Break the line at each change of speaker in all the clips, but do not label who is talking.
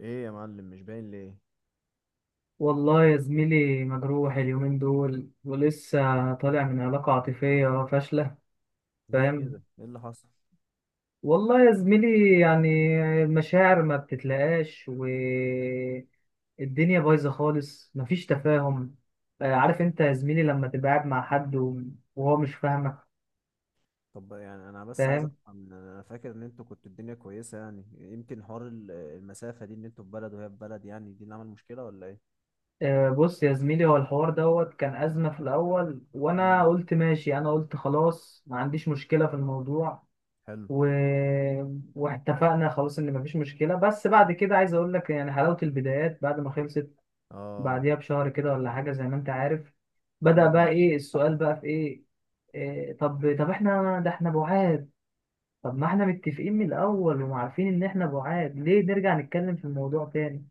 ايه يا معلم، مش باين ليه؟
والله يا زميلي، مجروح اليومين دول ولسه طالع من علاقة عاطفية فاشلة.
ليه
فاهم.
كده؟ ايه اللي حصل؟
والله يا زميلي يعني المشاعر ما بتتلاقاش والدنيا بايظة خالص، مفيش تفاهم. آه، عارف انت يا زميلي لما تبقى قاعد مع حد وهو مش فاهمك.
طب يعني انا بس عايز
فاهم.
افهم. انا فاكر ان انتوا كنتوا الدنيا كويسه، يعني يمكن حوار المسافه دي، ان انتوا في بلد وهي في بلد، يعني دي اللي عمل مشكله ولا ايه؟
آه، بص يا زميلي، هو الحوار دوت كان أزمة في الأول، وأنا
امم.
قلت ماشي، أنا قلت خلاص ما عنديش مشكلة في الموضوع.
حلو.
و... واتفقنا خلاص ان مفيش مشكله، بس بعد كده عايز اقول لك يعني حلاوه البدايات بعد ما خلصت،
اه.
بعديها بشهر كده ولا حاجه زي ما انت عارف. بدأ
امم،
بقى، ايه السؤال بقى، في ايه؟ إيه، طب احنا ده احنا بعاد. طب ما احنا متفقين من الاول وعارفين ان احنا بعاد، ليه نرجع نتكلم في الموضوع تاني؟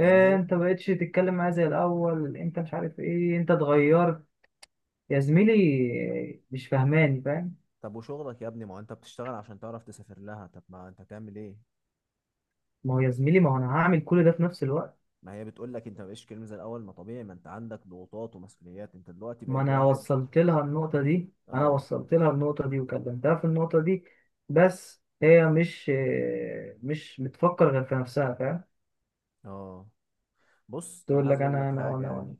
يعني هي.
انت بقيتش تتكلم معايا زي الاول، انت مش عارف ايه، انت اتغيرت. يا زميلي إيه، مش فاهماني، فاهم.
طب وشغلك يا ابني؟ ما هو انت بتشتغل عشان تعرف تسافر لها، طب ما انت تعمل ايه؟
ما هو يا زميلي، ما هو انا هعمل كل ده في نفس الوقت.
ما هي بتقول لك انت مبقاش كلمه زي الاول. ما طبيعي، ما انت عندك ضغوطات ومسؤوليات، انت دلوقتي
ما
بقيت
انا
واحد.
وصلت لها النقطة دي، انا
اه.
وصلت لها النقطة دي وكلمتها في النقطة دي. بس هي مش بتفكر غير في نفسها، فاهم.
اه، بص انا
تقول
عايز
لك
اقول
انا
لك
انا
حاجه،
وانا
يعني
وانا.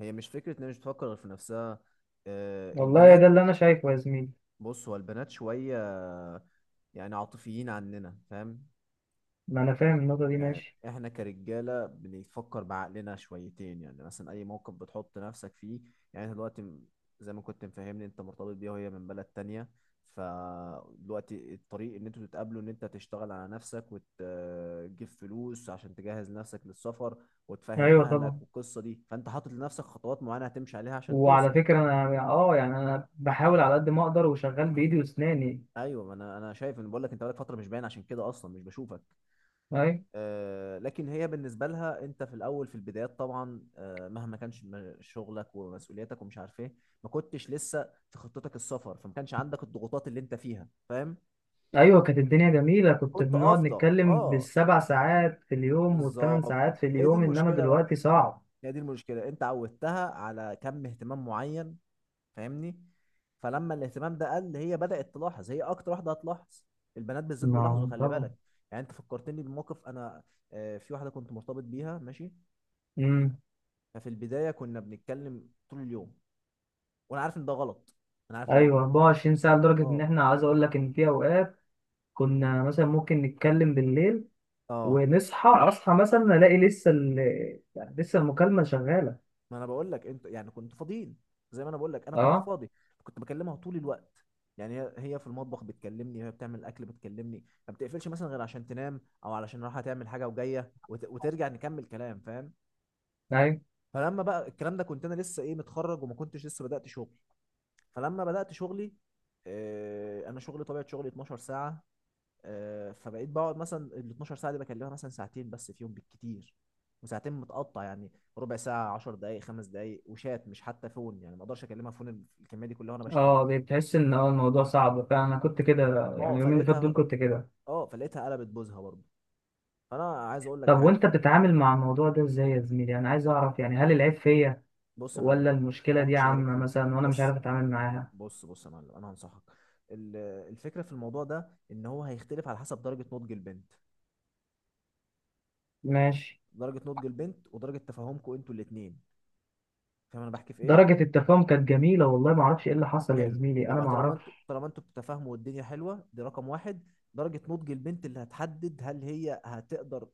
هي مش فكره ان هي مش بتفكر غير في نفسها. آه،
والله
البنات.
ده اللي انا شايفه يا زميلي.
بص، هو البنات شويه يعني عاطفيين عننا، فاهم؟
ما انا فاهم النقطة دي،
يعني
ماشي.
احنا كرجاله بنفكر بعقلنا شويتين. يعني مثلا اي موقف بتحط نفسك فيه، يعني انت دلوقتي زي ما كنت مفهمني، انت مرتبط بيها وهي من بلد تانية. فدلوقتي الطريق ان انتوا تتقابلوا، ان انت تشتغل على نفسك وتجيب فلوس عشان تجهز نفسك للسفر وتفهم
ايوه طبعا.
اهلك والقصه دي، فانت حاطط لنفسك خطوات معينه هتمشي عليها عشان
وعلى
توصل.
فكرة انا اه يعني انا بحاول على قد ما اقدر وشغال بايدي واسناني.
ايوه، ما انا شايف، ان بقول لك انت بقالك فتره مش باين، عشان كده اصلا مش بشوفك.
ايوه.
آه، لكن هي بالنسبة لها انت في الاول، في البدايات طبعا، آه، مهما كانش شغلك ومسؤولياتك ومش عارف ايه، ما كنتش لسه في خطتك السفر، فما كانش عندك الضغوطات اللي انت فيها، فاهم؟
ايوه، كانت الدنيا جميلة، كنت
كنت
بنقعد
افضى.
نتكلم
اه،
بالسبع ساعات في اليوم والثمان
بالظبط.
ساعات في
هي دي
اليوم، انما
المشكلة بقى،
دلوقتي صعب.
هي دي المشكلة، انت عودتها على كم اهتمام معين، فاهمني؟ فلما الاهتمام ده قل، هي بدأت تلاحظ. هي اكتر واحدة هتلاحظ، البنات بالذات بيلاحظوا،
ما
خلي
طبعا.
بالك. يعني انت فكرتني بموقف انا، آه، في واحدة كنت مرتبط بيها، ماشي.
مم.
ففي البدايه كنا بنتكلم طول اليوم، وانا عارف ان ده غلط، انا عارف ان ده
ايوه
غلط.
24 ساعه، لدرجه ان
اه.
احنا عايز اقول لك ان في اوقات كنا مثلا ممكن نتكلم بالليل
اه،
ونصحى مثلا الاقي يعني لسه المكالمه شغاله.
ما انا بقول لك انت، يعني كنت فاضيين. زي ما انا بقول لك، انا كنت
اه.
فاضي. كنت بكلمها طول الوقت. يعني هي في المطبخ بتكلمني، وهي بتعمل الاكل بتكلمني، ما بتقفلش مثلا غير عشان تنام، او علشان رايحه تعمل حاجه وجايه، وترجع نكمل كلام، فاهم؟
ايوه.
فلما بقى الكلام ده، كنت انا لسه ايه، متخرج، وما كنتش لسه بدات شغل. فلما بدات شغلي، آه، انا شغلي، طبيعه شغلي 12 ساعه. آه، فبقيت بقعد مثلا ال 12 ساعه دي بكلمها مثلا ساعتين بس فيهم بالكتير، وساعتين متقطع يعني، ربع ساعه، 10 دقائق، 5 دقائق، وشات مش حتى فون، يعني ما اقدرش اكلمها فون الكميه دي كلها وانا بشتغل.
اه بتحس ان اه الموضوع صعب فعلا. انا كنت كده، يعني
اه
اليومين اللي فاتوا دول
فلقيتها
كنت كده.
اه فلقيتها قلبت بوزها برضه. فانا عايز اقول لك
طب
حاجه.
وانت بتتعامل مع الموضوع ده ازاي يا زميلي؟ انا عايز اعرف يعني هل العيب فيا
بص يا
ولا
معلم،
المشكله
هو
دي
مش لاقيك
عامه
فيك،
مثلا وانا مش
بس.
عارف اتعامل معاها.
بص بص يا معلم، انا هنصحك. ال- الفكره في الموضوع ده، ان هو هيختلف على حسب درجه نضج البنت.
ماشي.
درجه نضج البنت ودرجه تفاهمكم انتوا الاثنين، فاهم انا بحكي في ايه؟
درجه التفاهم كانت جميله والله، ما اعرفش ايه اللي حصل يا
حلو.
زميلي، انا
يبقى
ما
طالما
اعرفش.
انتوا طالما انتوا بتتفاهموا والدنيا حلوه، دي رقم واحد. درجه نضج البنت اللي هتحدد هل هي هتقدر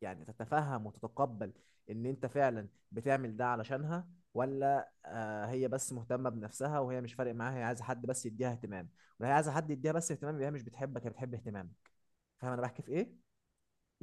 يعني تتفهم وتتقبل ان انت فعلا بتعمل ده علشانها، ولا آه، هي بس مهتمه بنفسها وهي مش فارق معاها، هي عايزه حد بس يديها اهتمام. ولا هي عايزه حد يديها بس اهتمام، يبقى هي مش بتحبك، هي بتحب اهتمامك. فاهم انا بحكي في ايه؟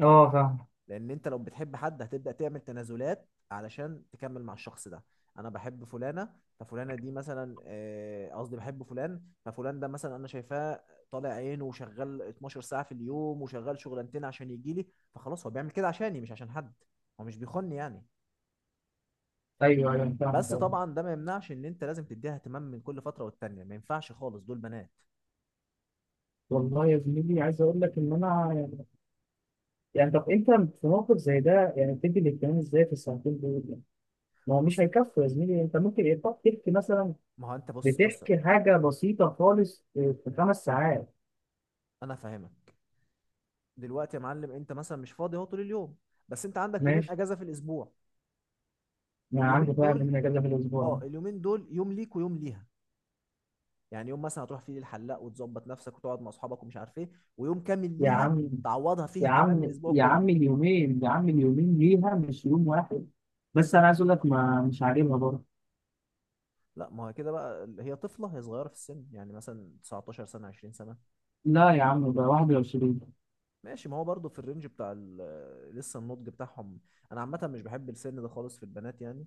اه فاهم.
لان انت لو بتحب حد، هتبدا تعمل تنازلات علشان تكمل مع الشخص ده. انا بحب فلانه، ففلانه دي مثلا، آه، قصدي بحب فلان، ففلان ده مثلا انا شايفاه طالع عينه، وشغال 12 ساعه في اليوم، وشغال شغلانتين عشان يجي لي، فخلاص هو بيعمل كده عشاني، مش عشان حد، هو مش بيخوني يعني.
ايوه ايوه فاهم.
بس طبعا ده ما يمنعش ان انت لازم تديها اهتمام من كل فتره والتانيه، ما ينفعش خالص، دول بنات.
والله يا زميلي عايز اقول لك ان انا يعني، يعني طب انت في موقف زي ده يعني بتدي الاهتمام ازاي في الساعتين دول يعني؟ ما هو مش
بص،
هيكفوا يا زميلي، انت ممكن يبقى تحكي مثلا،
ما هو انت بص بص
بتحكي حاجه بسيطه خالص في 5 ساعات.
انا فاهمك. دلوقتي يا معلم، انت مثلا مش فاضي اهو طول اليوم، بس انت عندك يومين
ماشي.
اجازه في الاسبوع.
ما عندي
اليومين
بقى
دول،
من اجازه في
اه،
الاسبوع.
اليومين دول يوم ليك ويوم ليها. يعني يوم مثلا هتروح فيه للحلاق وتظبط نفسك وتقعد مع اصحابك ومش عارف ايه، ويوم كامل
يا
ليها
عم
تعوضها فيه اهتمام الاسبوع
يا
كله.
عم اليومين، يا عم اليومين ليها مش يوم واحد. بس انا عايز اقول لك ما مش عاجبها برضه.
لا، ما هو كده بقى، هي طفله، هي صغيره في السن، يعني مثلا 19 سنه، 20 سنه.
لا يا عم ده 21.
ماشي، ما هو برضه في الرينج بتاع لسه النضج بتاعهم. انا عامه مش بحب السن ده خالص في البنات، يعني.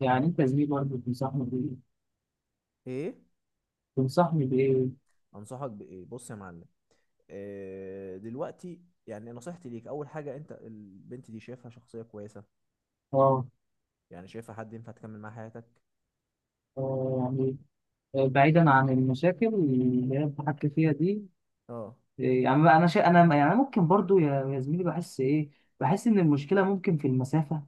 يعني
هم.
انت يا زميلي برضه بتنصحني بايه؟
ايه.
تنصحني بايه؟
انصحك بايه؟ بص يا معلم، إيه دلوقتي. يعني نصيحتي ليك، اول حاجه انت البنت دي شايفها شخصيه كويسه،
اه.
يعني شايفها حد ينفع تكمل معاه حياتك.
آه، يعني بعيدا عن المشاكل اللي هي بتحكي فيها دي.
اه.
إيه، يعني بقى انا يعني، أنا ممكن برضو يا زميلي بحس ايه، بحس ان المشكله ممكن في المسافه.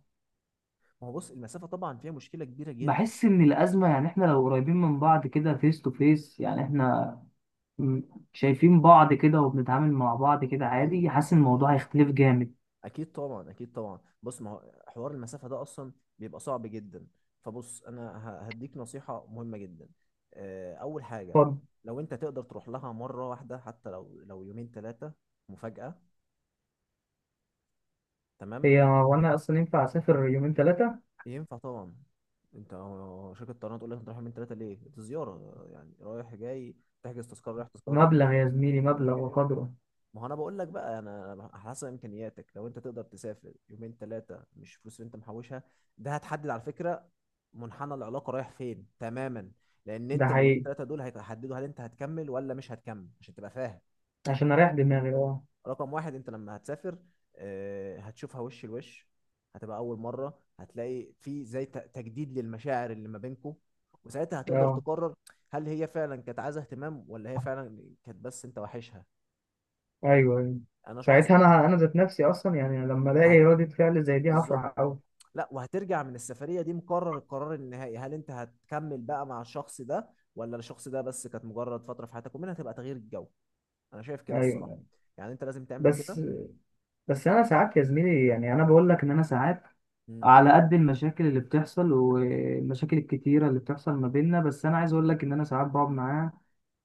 ما هو بص، المسافة طبعا فيها مشكلة كبيرة جدا.
بحس ان الازمه يعني احنا لو قريبين من بعض كده فيس تو فيس، يعني احنا م- شايفين بعض كده وبنتعامل مع بعض كده
اكيد
عادي، حاسس ان
اكيد.
الموضوع هيختلف جامد.
اكيد طبعا، اكيد طبعا. بص، ما هو حوار المسافة ده اصلا بيبقى صعب جدا. فبص انا هديك نصيحة مهمة جدا. آه، اول حاجة،
اتفضل.
لو انت تقدر تروح لها مرة واحدة، حتى لو يومين ثلاثة، مفاجأة، تمام.
هي وانا اصلا ينفع اسافر يومين 3؟
ينفع طبعا. انت هو شركة طيران تقول لك انت رايح يومين ثلاثة ليه؟ دي زيارة، يعني رايح جاي، تحجز تذكرة رايح تذكرة
مبلغ
جاي.
يا زميلي، مبلغ
ممكن.
وقدره.
ما هو انا بقول لك بقى، انا على حسب امكانياتك، لو انت تقدر تسافر يومين ثلاثه، مش فلوس اللي انت محوشها، ده هتحدد على فكره منحنى العلاقه رايح فين تماما. لان
ده
انت اليومين
حقيقي،
ثلاثه دول هيحددوا هل انت هتكمل ولا مش هتكمل، عشان تبقى فاهم.
عشان اريح دماغي اه.
رقم واحد، انت لما هتسافر، آه، هتشوفها وش لوش، هتبقى اول مره هتلاقي في زي تجديد للمشاعر اللي ما بينكم، وساعتها هتقدر
اه.
تقرر هل هي فعلا كانت عايزه اهتمام، ولا هي فعلا كانت بس انت واحشها.
ايوه ايوه.
انا شخص
ساعتها انا ذات نفسي اصلا يعني لما الاقي
هت...
ردة فعل زي دي
بالظبط.
هفرح قوي.
لا، وهترجع من السفرية دي مقرر القرار النهائي، هل انت هتكمل بقى مع الشخص ده، ولا الشخص ده بس كانت مجرد فترة في حياتك ومنها تبقى تغيير الجو. انا شايف كده الصراحة،
ايوه.
يعني انت لازم تعمل
بس،
كده.
انا ساعات يا زميلي، يعني انا بقول لك ان انا ساعات،
مم.
على قد المشاكل اللي بتحصل والمشاكل الكتيرة اللي بتحصل ما بيننا، بس انا عايز اقول لك ان انا ساعات بقعد معاها،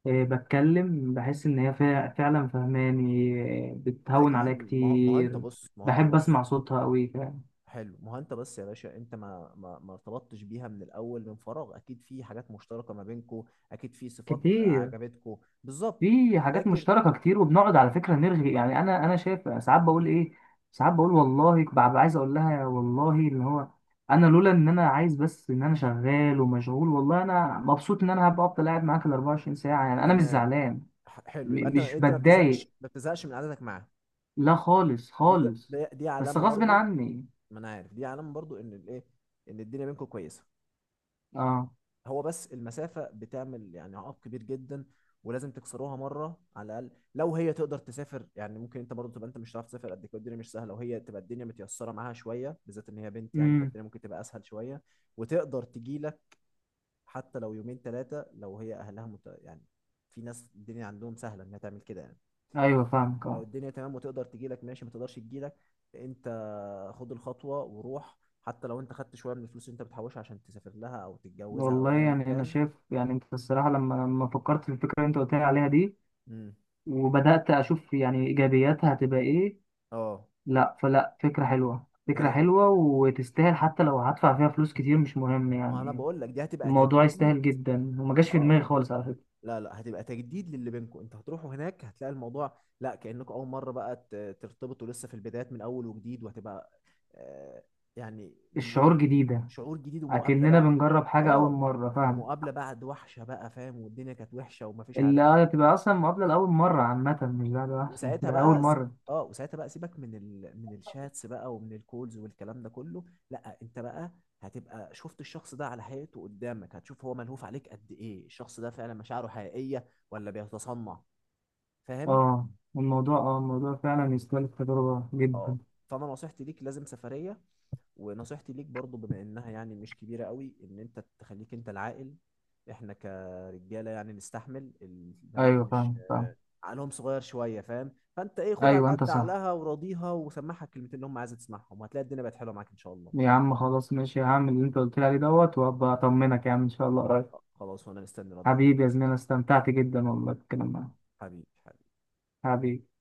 آه، بتكلم بحس ان هي فعلا فهماني. آه، بتهون عليا
اكيد، ما هو ما هو انت
كتير.
بص ما هو انت
بحب
بص.
اسمع صوتها قوي فعلا.
حلو، ما هو انت بس يا باشا، انت ما ارتبطتش بيها من الاول من فراغ، اكيد في حاجات مشتركة ما بينكو، اكيد في صفات
كتير.
عجبتكو. بالظبط.
في حاجات
لكن
مشتركة كتير، وبنقعد على فكرة نرغي، يعني أنا شايف ساعات بقول إيه. ساعات بقول والله ببقى عايز أقول لها يا والله اللي هو، أنا لولا إن أنا عايز بس إن أنا شغال ومشغول، والله أنا مبسوط إن أنا هبقى أفضل قاعد معاك ال 24 ساعة، يعني أنا مش
تمام.
زعلان.
حلو، يبقى انت
مش
انت ما بتزهقش،
بتضايق،
ما بتزهقش من قعدتك معاه.
لا خالص
دي
خالص،
دي
بس
علامة
غصب
برضو.
عني.
ما انا عارف دي علامه برضو، ان الايه، ان الدنيا بينكم كويسه.
أه.
هو بس المسافه بتعمل يعني عائق كبير جدا، ولازم تكسروها مره على الاقل. لو هي تقدر تسافر، يعني ممكن، انت برضو تبقى انت مش هتعرف تسافر قد كده، الدنيا مش سهله، وهي تبقى الدنيا متيسره معاها شويه، بالذات ان هي بنت يعني،
أمم.
فالدنيا ممكن تبقى اسهل شويه، وتقدر تجي لك. حتى لو يومين ثلاثه، لو هي اهلها يعني، في ناس الدنيا عندهم سهله انها تعمل كده يعني.
أيوه فاهمك
لو
أه.
الدنيا تمام وتقدر تجي لك، ماشي. ما تقدرش تجي لك انت، خد الخطوة وروح، حتى لو انت خدت شوية من الفلوس اللي انت بتحوشها، عشان تسافر لها او تتجوزها او
والله
ايا
يعني أنا
كان.
شايف، يعني أنت الصراحة لما فكرت في الفكرة اللي أنت قلت لي عليها دي،
امم.
وبدأت أشوف يعني إيجابياتها هتبقى إيه.
اه.
لا فكرة حلوة، فكرة
ه-
حلوة، وتستاهل حتى لو هدفع فيها فلوس كتير مش مهم
ما انا
يعني.
بقول لك، دي هتبقى
الموضوع
تجديد.
يستاهل جدا، وما جاش في
اه،
دماغي خالص على فكرة.
لا لا، هتبقى تجديد للي بينكم، انت هتروحوا هناك هتلاقي الموضوع لا، كأنكم اول مرة بقى ترتبطوا لسه في البدايات، من اول وجديد، وهتبقى آه، يعني
الشعور جديدة،
شعور جديد ومقابلة
أكننا
بقى.
بنجرب حاجة أول
اه،
مرة، فاهم.
ومقابلة بعد وحشة بقى، فاهم؟ والدنيا كانت وحشة ومفيش عارف.
اللي هتبقى أصلا مقابلة لأول مرة عامة، مش ده أحسن،
وساعتها
ده أول
بقى س-
مرة.
اه وساعتها بقى سيبك من من الشاتس بقى ومن الكولز والكلام ده كله. لا، انت بقى هتبقى شفت الشخص ده على حقيقته قدامك، هتشوف هو ملهوف عليك قد ايه، الشخص ده فعلا مشاعره حقيقية ولا بيتصنع، فاهم؟
اه الموضوع اه الموضوع فعلا يستاهل التجربة
اه.
جدا.
فانا نصيحتي ليك لازم سفرية، ونصيحتي ليك برضو، بما انها يعني مش كبيرة قوي، ان انت تخليك انت العاقل. احنا كرجالة يعني نستحمل البنات،
أيوة
مش
فاهم فاهم.
عقلهم صغير شويه، فاهم؟ فانت ايه، خد على
أيوة أنت
قد
صح.
عقلها وراضيها وسمعها الكلمتين اللي هم عايزه تسمعهم، وهتلاقي الدنيا بقت حلوه معاك ان شاء الله.
يا عم خلاص ماشي، هعمل اللي أنت قلت لي عليه دوت وأبقى أطمنك يا عم إن شاء الله قريب.
خلاص، وانا مستني ردك يا
حبيبي يا
معلم.
زميلي، أنا استمتعت جدا والله بالكلام معاك.
حبيبي حبيبي.
حبيبي.